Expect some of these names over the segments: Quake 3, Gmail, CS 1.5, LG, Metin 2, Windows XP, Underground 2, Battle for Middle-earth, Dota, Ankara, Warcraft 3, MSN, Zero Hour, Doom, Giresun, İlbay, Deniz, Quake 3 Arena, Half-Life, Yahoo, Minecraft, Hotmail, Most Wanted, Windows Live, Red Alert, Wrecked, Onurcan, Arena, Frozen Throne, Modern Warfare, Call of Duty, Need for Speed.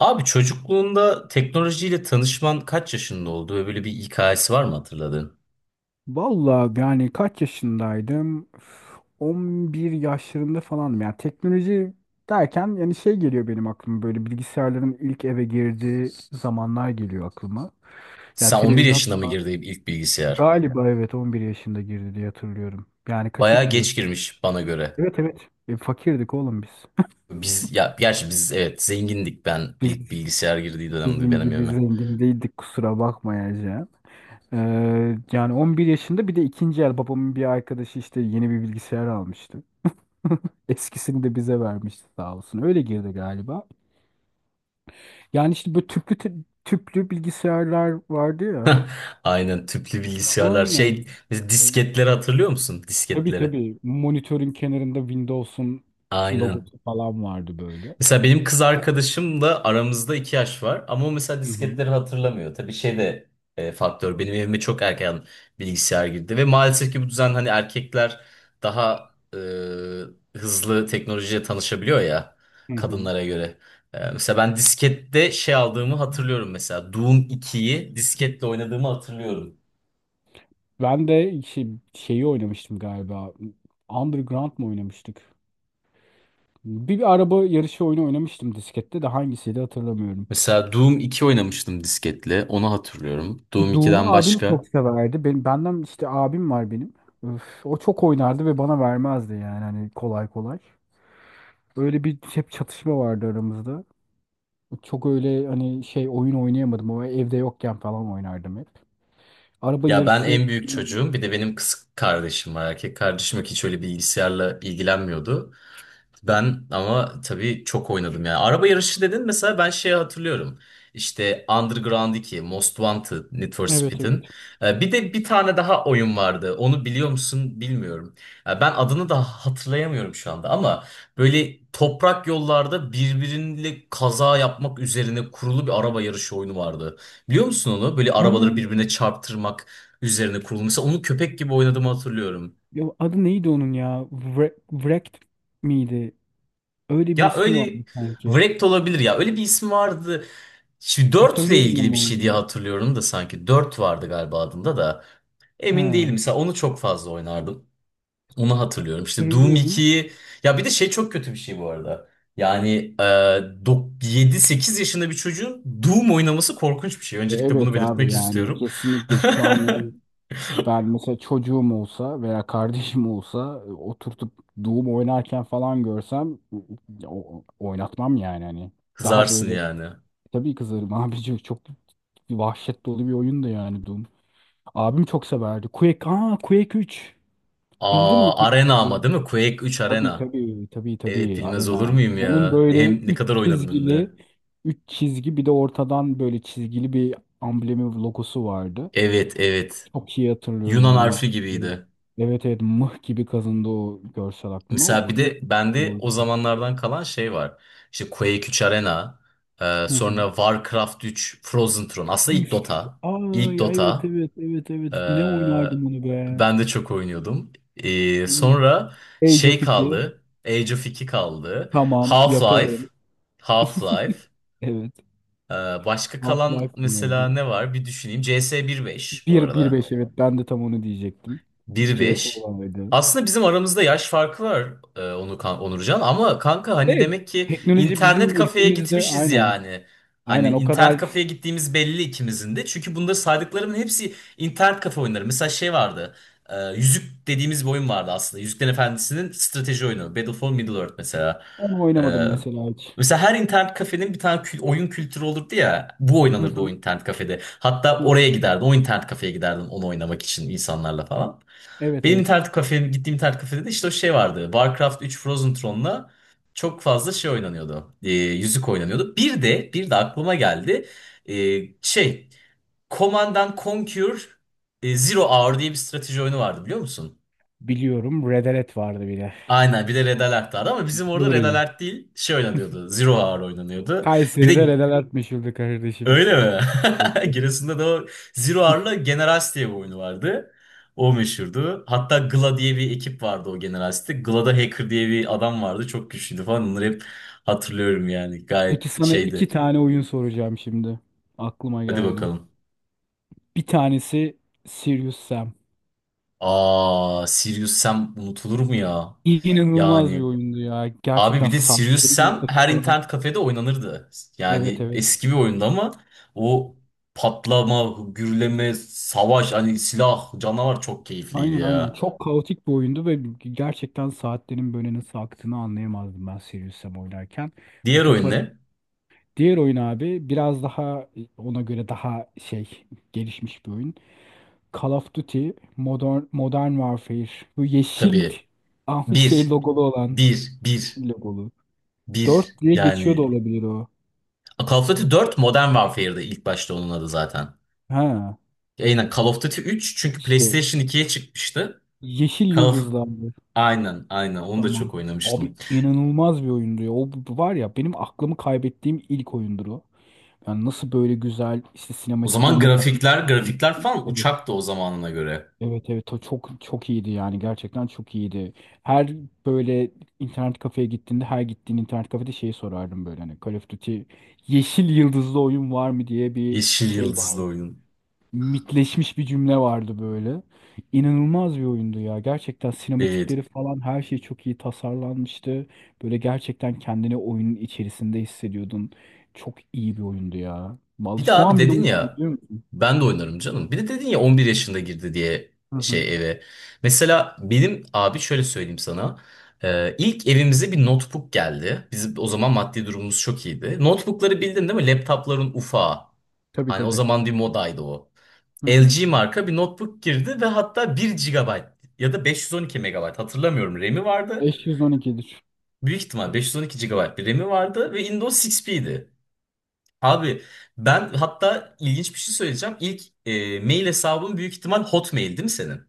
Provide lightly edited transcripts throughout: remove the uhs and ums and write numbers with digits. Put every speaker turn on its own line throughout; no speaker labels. Abi çocukluğunda teknolojiyle tanışman kaç yaşında oldu ve böyle bir hikayesi var mı hatırladığın?
Vallahi yani kaç yaşındaydım? Üf, 11 yaşlarında falanım. Yani teknoloji derken yani şey geliyor benim aklıma, böyle bilgisayarların ilk eve girdiği zamanlar geliyor aklıma. Yani
Sen 11
televizyon
yaşında mı girdin ilk bilgisayar?
galiba, evet, 11 yaşında girdi diye hatırlıyorum. Yani kaça
Bayağı
gidiyordu?
geç girmiş bana göre.
Evet, evet. E, fakirdik oğlum biz.
Biz ya gerçi biz, evet, zengindik, ben ilk
Biz
bilgisayar girdiği dönemde
sizin
benim
gibi
evime.
zengin değildik, kusura bakmayacağım. Yani 11 yaşında, bir de ikinci el, babamın bir arkadaşı işte yeni bir bilgisayar almıştı. Eskisini de bize vermişti sağ olsun. Öyle girdi galiba. Yani işte böyle tüplü bilgisayarlar vardı ya.
Aynen, tüplü bilgisayarlar. şey
Aynen.
biz disketleri hatırlıyor musun?
Tabii,
Disketleri.
tabii. Monitörün kenarında Windows'un
Aynen.
logosu falan vardı böyle.
Mesela benim kız arkadaşımla aramızda 2 yaş var, ama o mesela
Hı hı.
disketleri hatırlamıyor. Tabii şey de, faktör. Benim evime çok erken bilgisayar girdi ve maalesef ki bu düzen, hani erkekler daha hızlı teknolojiye tanışabiliyor ya
Hı hı.
kadınlara göre. Mesela ben diskette şey aldığımı hatırlıyorum mesela. Doom 2'yi disketle oynadığımı hatırlıyorum.
Ben de şeyi oynamıştım galiba. Underground mı oynamıştık? Bir araba yarışı oyunu oynamıştım diskette de, hangisiydi hatırlamıyorum.
Mesela Doom iki oynamıştım disketle. Onu hatırlıyorum. Doom
Doom'u
2'den
abim
başka.
çok severdi. Benden işte abim var benim. Öf, o çok oynardı ve bana vermezdi, yani hani, kolay kolay. Öyle bir hep çatışma vardı aramızda. Çok öyle hani şey oyun oynayamadım ama evde yokken falan oynardım hep. Araba
Ya, ben
yarışı.
en büyük çocuğum. Bir de benim kız kardeşim var. Erkek kardeşim yok. Hiç öyle bilgisayarla ilgilenmiyordu. Ben ama tabii çok oynadım yani. Araba yarışı dedin, mesela ben şeyi hatırlıyorum. İşte Underground 2, Most Wanted, Need for
Evet,
Speed'in.
evet.
Bir de bir tane daha oyun vardı. Onu biliyor musun, bilmiyorum. Ben adını da hatırlayamıyorum şu anda, ama böyle toprak yollarda birbiriyle kaza yapmak üzerine kurulu bir araba yarışı oyunu vardı. Biliyor musun onu? Böyle
Ha,
arabaları birbirine çarptırmak üzerine kurulu. Mesela onu köpek gibi oynadığımı hatırlıyorum.
ya adı neydi onun ya? Wrecked miydi? Öyle bir
Ya,
ismi vardı
öyle
sanki.
Wrecked olabilir ya. Öyle bir ismi vardı. Şimdi 4 ile
Hatırlıyorum
ilgili
ama
bir şey diye
onu.
hatırlıyorum da sanki 4 vardı galiba adında, da emin değilim.
Ha,
Mesela onu çok fazla oynardım. Onu hatırlıyorum. İşte Doom
hatırlıyorum.
2'yi, ya bir de şey, çok kötü bir şey bu arada. Yani, 7-8 yaşında bir çocuğun Doom oynaması korkunç bir şey. Öncelikle bunu
Evet abi,
belirtmek
yani
istiyorum.
kesinlikle şu an. Ben mesela çocuğum olsa veya kardeşim olsa, oturtup Doom oynarken falan görsem, oynatmam yani hani. Daha
Kızarsın
böyle,
yani.
tabii kızarım. Abici çok bir vahşet dolu bir oyun da yani Doom. Abim çok severdi. Quake, Quake 3. Bildin mi
Aa,
Quake
Arena
3'ü?
ama değil mi? Quake 3
Tabii,
Arena.
tabii, tabii,
Evet,
tabii,
bilmez olur
Arena.
muyum
Onun
ya?
böyle
Hem ne
üç
kadar oynadım hem
çizgili,
de.
üç çizgi bir de ortadan böyle çizgili bir amblemi, logosu vardı.
Evet, evet.
Çok iyi hatırlıyorum
Yunan
onu ya.
harfi
Ee,
gibiydi.
Evet, evet, mıh gibi kazındı o görsel aklıma. O
Mesela bir
Quake
de bende o
diyordu.
zamanlardan kalan şey var. İşte Quake 3 Arena,
Hı
sonra
hı.
Warcraft 3, Frozen Throne. Aslında ilk
Üf.
Dota. İlk
Ay evet,
Dota.
evet, evet,
E,
evet. Ne oynardım onu be.
ben de çok oynuyordum. E,
Hı.
sonra
Age
şey
of 2.
kaldı. Age of 2 kaldı.
Tamam,
Half-Life.
yaparım.
Half-Life.
Evet.
E, başka kalan
Half-Life
mesela
vardı.
ne var? Bir düşüneyim. CS 1.5 bu
1
arada.
1.5, evet, ben de tam onu diyecektim.
Bir
CS
beş.
vardı.
Aslında bizim aramızda yaş farkı var, onu Onurcan, ama kanka, hani
Ve
demek ki
teknoloji
internet
bizim
kafeye
ülkemizde,
gitmişiz
aynen.
yani. Hani
Aynen, o
internet
kadar
kafeye gittiğimiz belli ikimizin de. Çünkü bunda saydıklarımın hepsi internet kafe oyunları. Mesela şey vardı. Yüzük dediğimiz bir oyun vardı aslında. Yüzüklerin Efendisi'nin strateji oyunu. Battle for Middle-earth mesela.
onu
E,
oynamadım mesela hiç.
mesela her internet kafenin bir tane oyun kültürü olurdu ya. Bu
Hı
oynanırdı o
hı.
internet kafede. Hatta
Hı.
oraya
Hı.
giderdin. O internet kafeye giderdin onu oynamak için insanlarla falan.
Evet,
Benim
evet.
internet kafeye gittiğim internet kafede de işte o şey vardı. Warcraft 3 Frozen Throne'la çok fazla şey oynanıyordu. Yüzük oynanıyordu. Bir de aklıma geldi. Ee, şey Command and Conquer, Zero Hour diye bir strateji oyunu vardı, biliyor musun?
Biliyorum, Red Alert vardı bir de.
Aynen, bir de Red Alert vardı, ama bizim orada Red
Nuri.
Alert değil şey oynanıyordu. Zero Hour oynanıyordu. Bir
Kayseri'de
de.
Red Alert meşhurdu kardeşim.
Öyle mi?
Peki.
Giresun'da da o Zero Hour'la Generals diye bir oyunu vardı. O meşhurdu. Hatta Gla diye bir ekip vardı o Generals'te. Gla'da Hacker diye bir adam vardı. Çok güçlüydü falan. Onları hep hatırlıyorum yani. Gayet
Peki, sana iki
şeydi.
tane oyun soracağım şimdi. Aklıma
Hadi
geldi.
bakalım.
Bir tanesi Serious Sam.
Aa, Sirius Sam unutulur mu ya?
İnanılmaz bir
Yani
oyundu ya.
abi,
Gerçekten
bir de Sirius
saatlerin,
Sam her
dakikalar.
internet kafede oynanırdı.
Evet,
Yani
evet.
eski bir oyundu, ama o patlama, gürleme, savaş, hani silah, canavar çok keyifliydi
Aynen, aynen.
ya.
Çok kaotik bir oyundu ve gerçekten saatlerin böyle nasıl aktığını anlayamazdım ben Serious Sam oynarken.
Diğer
Bütün
oyun
para...
ne?
Diğer oyun abi biraz daha ona göre daha şey, gelişmiş bir oyun. Call of Duty Modern Warfare. Bu yeşil
Tabii,
ah, bir şey
bir,
logolu olan,
bir, bir,
yeşil logolu.
bir.
4 diye geçiyor da
Yani
olabilir o.
Call of Duty 4 Modern Warfare'da ilk başta onun adı zaten.
Ha,
Aynen, Call of Duty 3 çünkü
işte
PlayStation 2'ye çıkmıştı.
yeşil
Call of...
yıldızlandı.
Aynen, aynen, onu da
Tamam.
çok
Abi,
oynamıştım.
inanılmaz bir oyundu ya. O var ya, benim aklımı kaybettiğim ilk oyundur o. Yani nasıl böyle güzel, işte
O zaman
sinematiklerine falan.
grafikler, grafikler falan
Evet.
uçaktı o zamanına göre.
Evet, evet, o çok çok iyiydi, yani gerçekten çok iyiydi. Her böyle internet kafeye gittiğinde, her gittiğin internet kafede şeyi sorardım böyle, hani Call of Duty yeşil yıldızlı oyun var mı diye, bir
Yeşil
şey
yıldızlı
vardı.
oyun.
Mitleşmiş bir cümle vardı böyle. İnanılmaz bir oyundu ya. Gerçekten
Evet.
sinematikleri falan her şey çok iyi tasarlanmıştı. Böyle gerçekten kendini oyunun içerisinde hissediyordun. Çok iyi bir oyundu ya.
Bir
Vallahi
de
şu
abi
an bile
dedin
oynuyorum,
ya,
biliyor musun?
ben de oynarım canım. Bir de dedin ya 11 yaşında girdi diye
Hı hı.
eve. Mesela benim abi şöyle söyleyeyim sana. İlk evimize bir notebook geldi. Bizim o zaman maddi durumumuz çok iyiydi. Notebookları bildin değil mi? Laptopların ufağı.
Tabii,
Hani o
tabii.
zaman bir modaydı o.
Hı hı.
LG marka bir notebook girdi ve hatta bir gigabayt ya da 512 megabayt hatırlamıyorum RAM'i vardı.
512'dir.
Büyük ihtimal 512 gigabayt bir RAM'i vardı ve Windows XP'ydi. Abi, ben hatta ilginç bir şey söyleyeceğim. İlk mail hesabın büyük ihtimal Hotmail değil mi senin?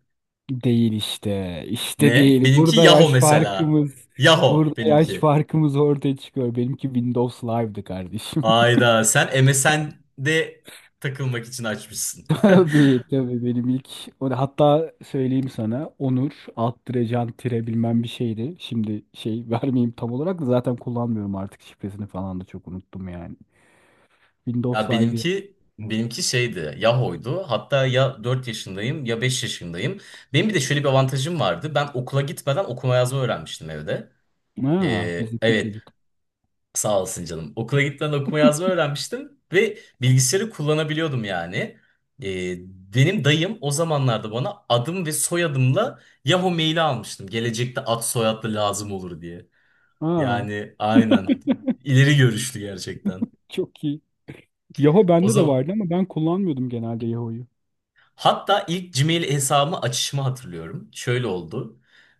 Değil işte. İşte
Ne?
değil.
Benimki
Burada
Yahoo
yaş
mesela.
farkımız.
Yahoo
Burada yaş
benimki.
farkımız ortaya çıkıyor. Benimki Windows Live'dı kardeşim.
Ayda sen MSN'de takılmak için açmışsın.
Tabii, tabii, benim ilk. O da, hatta söyleyeyim sana, onur alt tire can tire bilmem bir şeydi. Şimdi şey, vermeyeyim tam olarak, da zaten kullanmıyorum artık, şifresini falan da çok unuttum yani. Windows
Ya
Live diye.
benimki şeydi, Yahoo'ydu. Hatta ya 4 yaşındayım ya 5 yaşındayım. Benim bir de şöyle bir avantajım vardı. Ben okula gitmeden okuma yazma öğrenmiştim evde.
Ha,
Ee,
bizdeki
evet
çocuk.
sağ olasın canım. Okula gitmeden okuma yazma öğrenmiştim ve bilgisayarı kullanabiliyordum yani. Ee, benim dayım o zamanlarda bana adım ve soyadımla Yahoo maili almıştım. Gelecekte ad soyadlı lazım olur diye.
Ha,
Yani aynen. İleri görüşlü gerçekten.
çok iyi. Yahoo
O
bende de
zaman.
vardı ama ben kullanmıyordum genelde Yahoo'yu.
Hatta ilk Gmail hesabımı açışımı hatırlıyorum. Şöyle oldu.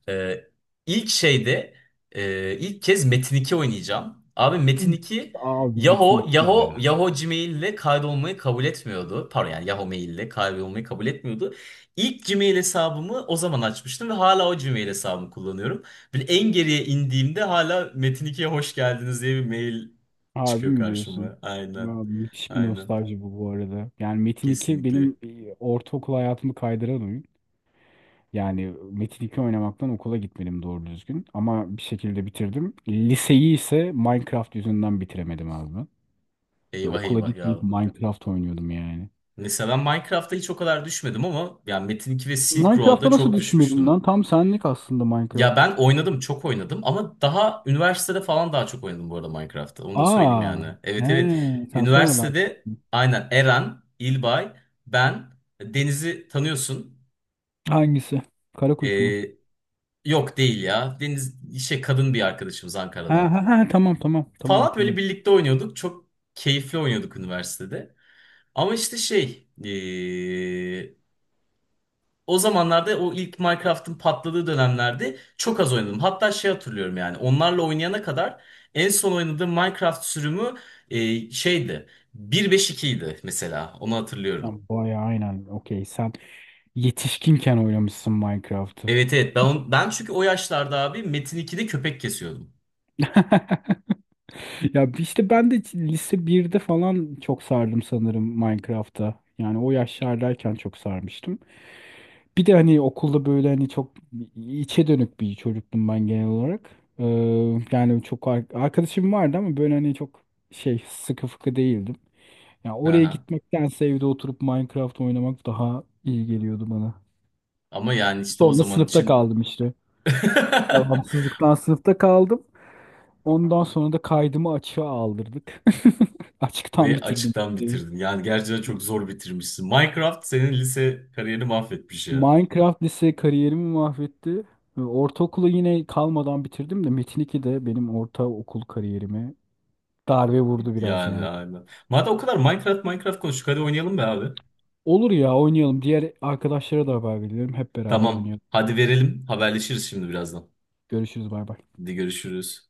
Ee, ilk şeyde e, ilk kez Metin 2 oynayacağım. Abi Metin
Üf,
2
abi Metin
Yahoo,
2.
Yahoo, Yahoo Gmail ile kaydolmayı kabul etmiyordu. Pardon, yani Yahoo Mail ile kaydolmayı kabul etmiyordu. İlk Gmail hesabımı o zaman açmıştım ve hala o Gmail hesabımı kullanıyorum. Böyle en geriye indiğimde hala Metin 2'ye hoş geldiniz diye bir mail
Harbi
çıkıyor
mi diyorsun?
karşıma.
Ya,
Aynen.
müthiş bir
Aynen.
nostalji bu, bu arada. Yani Metin 2
Kesinlikle.
benim, e, ortaokul hayatımı kaydıran oyun. Yani Metin 2 oynamaktan okula gitmedim doğru düzgün. Ama bir şekilde bitirdim. Liseyi ise Minecraft yüzünden bitiremedim abi ben. Ve
Eyvah,
okula
eyvah ya.
gitmeyip Minecraft oynuyordum yani.
Mesela ben Minecraft'ta hiç o kadar düşmedim, ama yani Metin 2 ve Silk Road'a
Minecraft'a nasıl
çok
düşünmedin
düşmüştüm.
lan? Tam senlik aslında
Ya,
Minecraft.
ben oynadım, çok oynadım, ama daha üniversitede falan daha çok oynadım bu arada Minecraft'ta. Onu da söyleyeyim yani.
Aa, he,
Evet, evet.
sen sonradan.
Üniversitede aynen Eren, İlbay, ben, Deniz'i tanıyorsun.
Hangisi? Kara kuş mu?
Ee, yok değil ya. Deniz kadın bir arkadaşımız
Ha,
Ankara'dan.
ha, ha, tamam, tamam, tamam,
Falan böyle
hatırladım.
birlikte oynuyorduk. Çok keyifli oynuyorduk üniversitede. Ama işte o zamanlarda o ilk Minecraft'ın patladığı dönemlerde çok az oynadım. Hatta hatırlıyorum yani, onlarla oynayana kadar en son oynadığım Minecraft sürümü, şeydi. 1.5.2 idi mesela, onu hatırlıyorum.
Tamam, bayağı aynen. Okey. Sen yetişkinken oynamışsın Minecraft'ı.
Evet evet, ben çünkü o yaşlarda abi Metin 2'de köpek kesiyordum.
Ya işte ben de lise birde falan çok sardım sanırım Minecraft'a. Yani o yaşlardayken çok sarmıştım. Bir de hani okulda böyle hani çok içe dönük bir çocuktum ben genel olarak. Ee, Yani çok arkadaşım vardı ama böyle hani çok şey, sıkı fıkı değildim. Ya oraya
Aha.
gitmektense evde oturup Minecraft oynamak daha iyi geliyordu bana.
Ama yani işte o
Sonra
zaman
sınıfta
için
kaldım işte. Devamsızlıktan sınıfta kaldım. Ondan sonra da kaydımı açığa aldırdık. Açıktan
ve
bitirdim
açıktan
liseyi.
bitirdin. Yani gerçekten çok zor bitirmişsin. Minecraft senin lise kariyerini mahvetmiş ya.
Minecraft lise kariyerimi mahvetti. Ve ortaokulu yine kalmadan bitirdim de, Metin 2 de benim ortaokul kariyerime darbe vurdu biraz
Yani
yani.
aynen. Madem o kadar Minecraft, Minecraft konuştuk, hadi oynayalım be abi.
Olur ya, oynayalım. Diğer arkadaşlara da haber veriyorum. Hep beraber
Tamam.
oynayalım.
Hadi verelim. Haberleşiriz şimdi birazdan.
Görüşürüz, bay bay.
Hadi görüşürüz.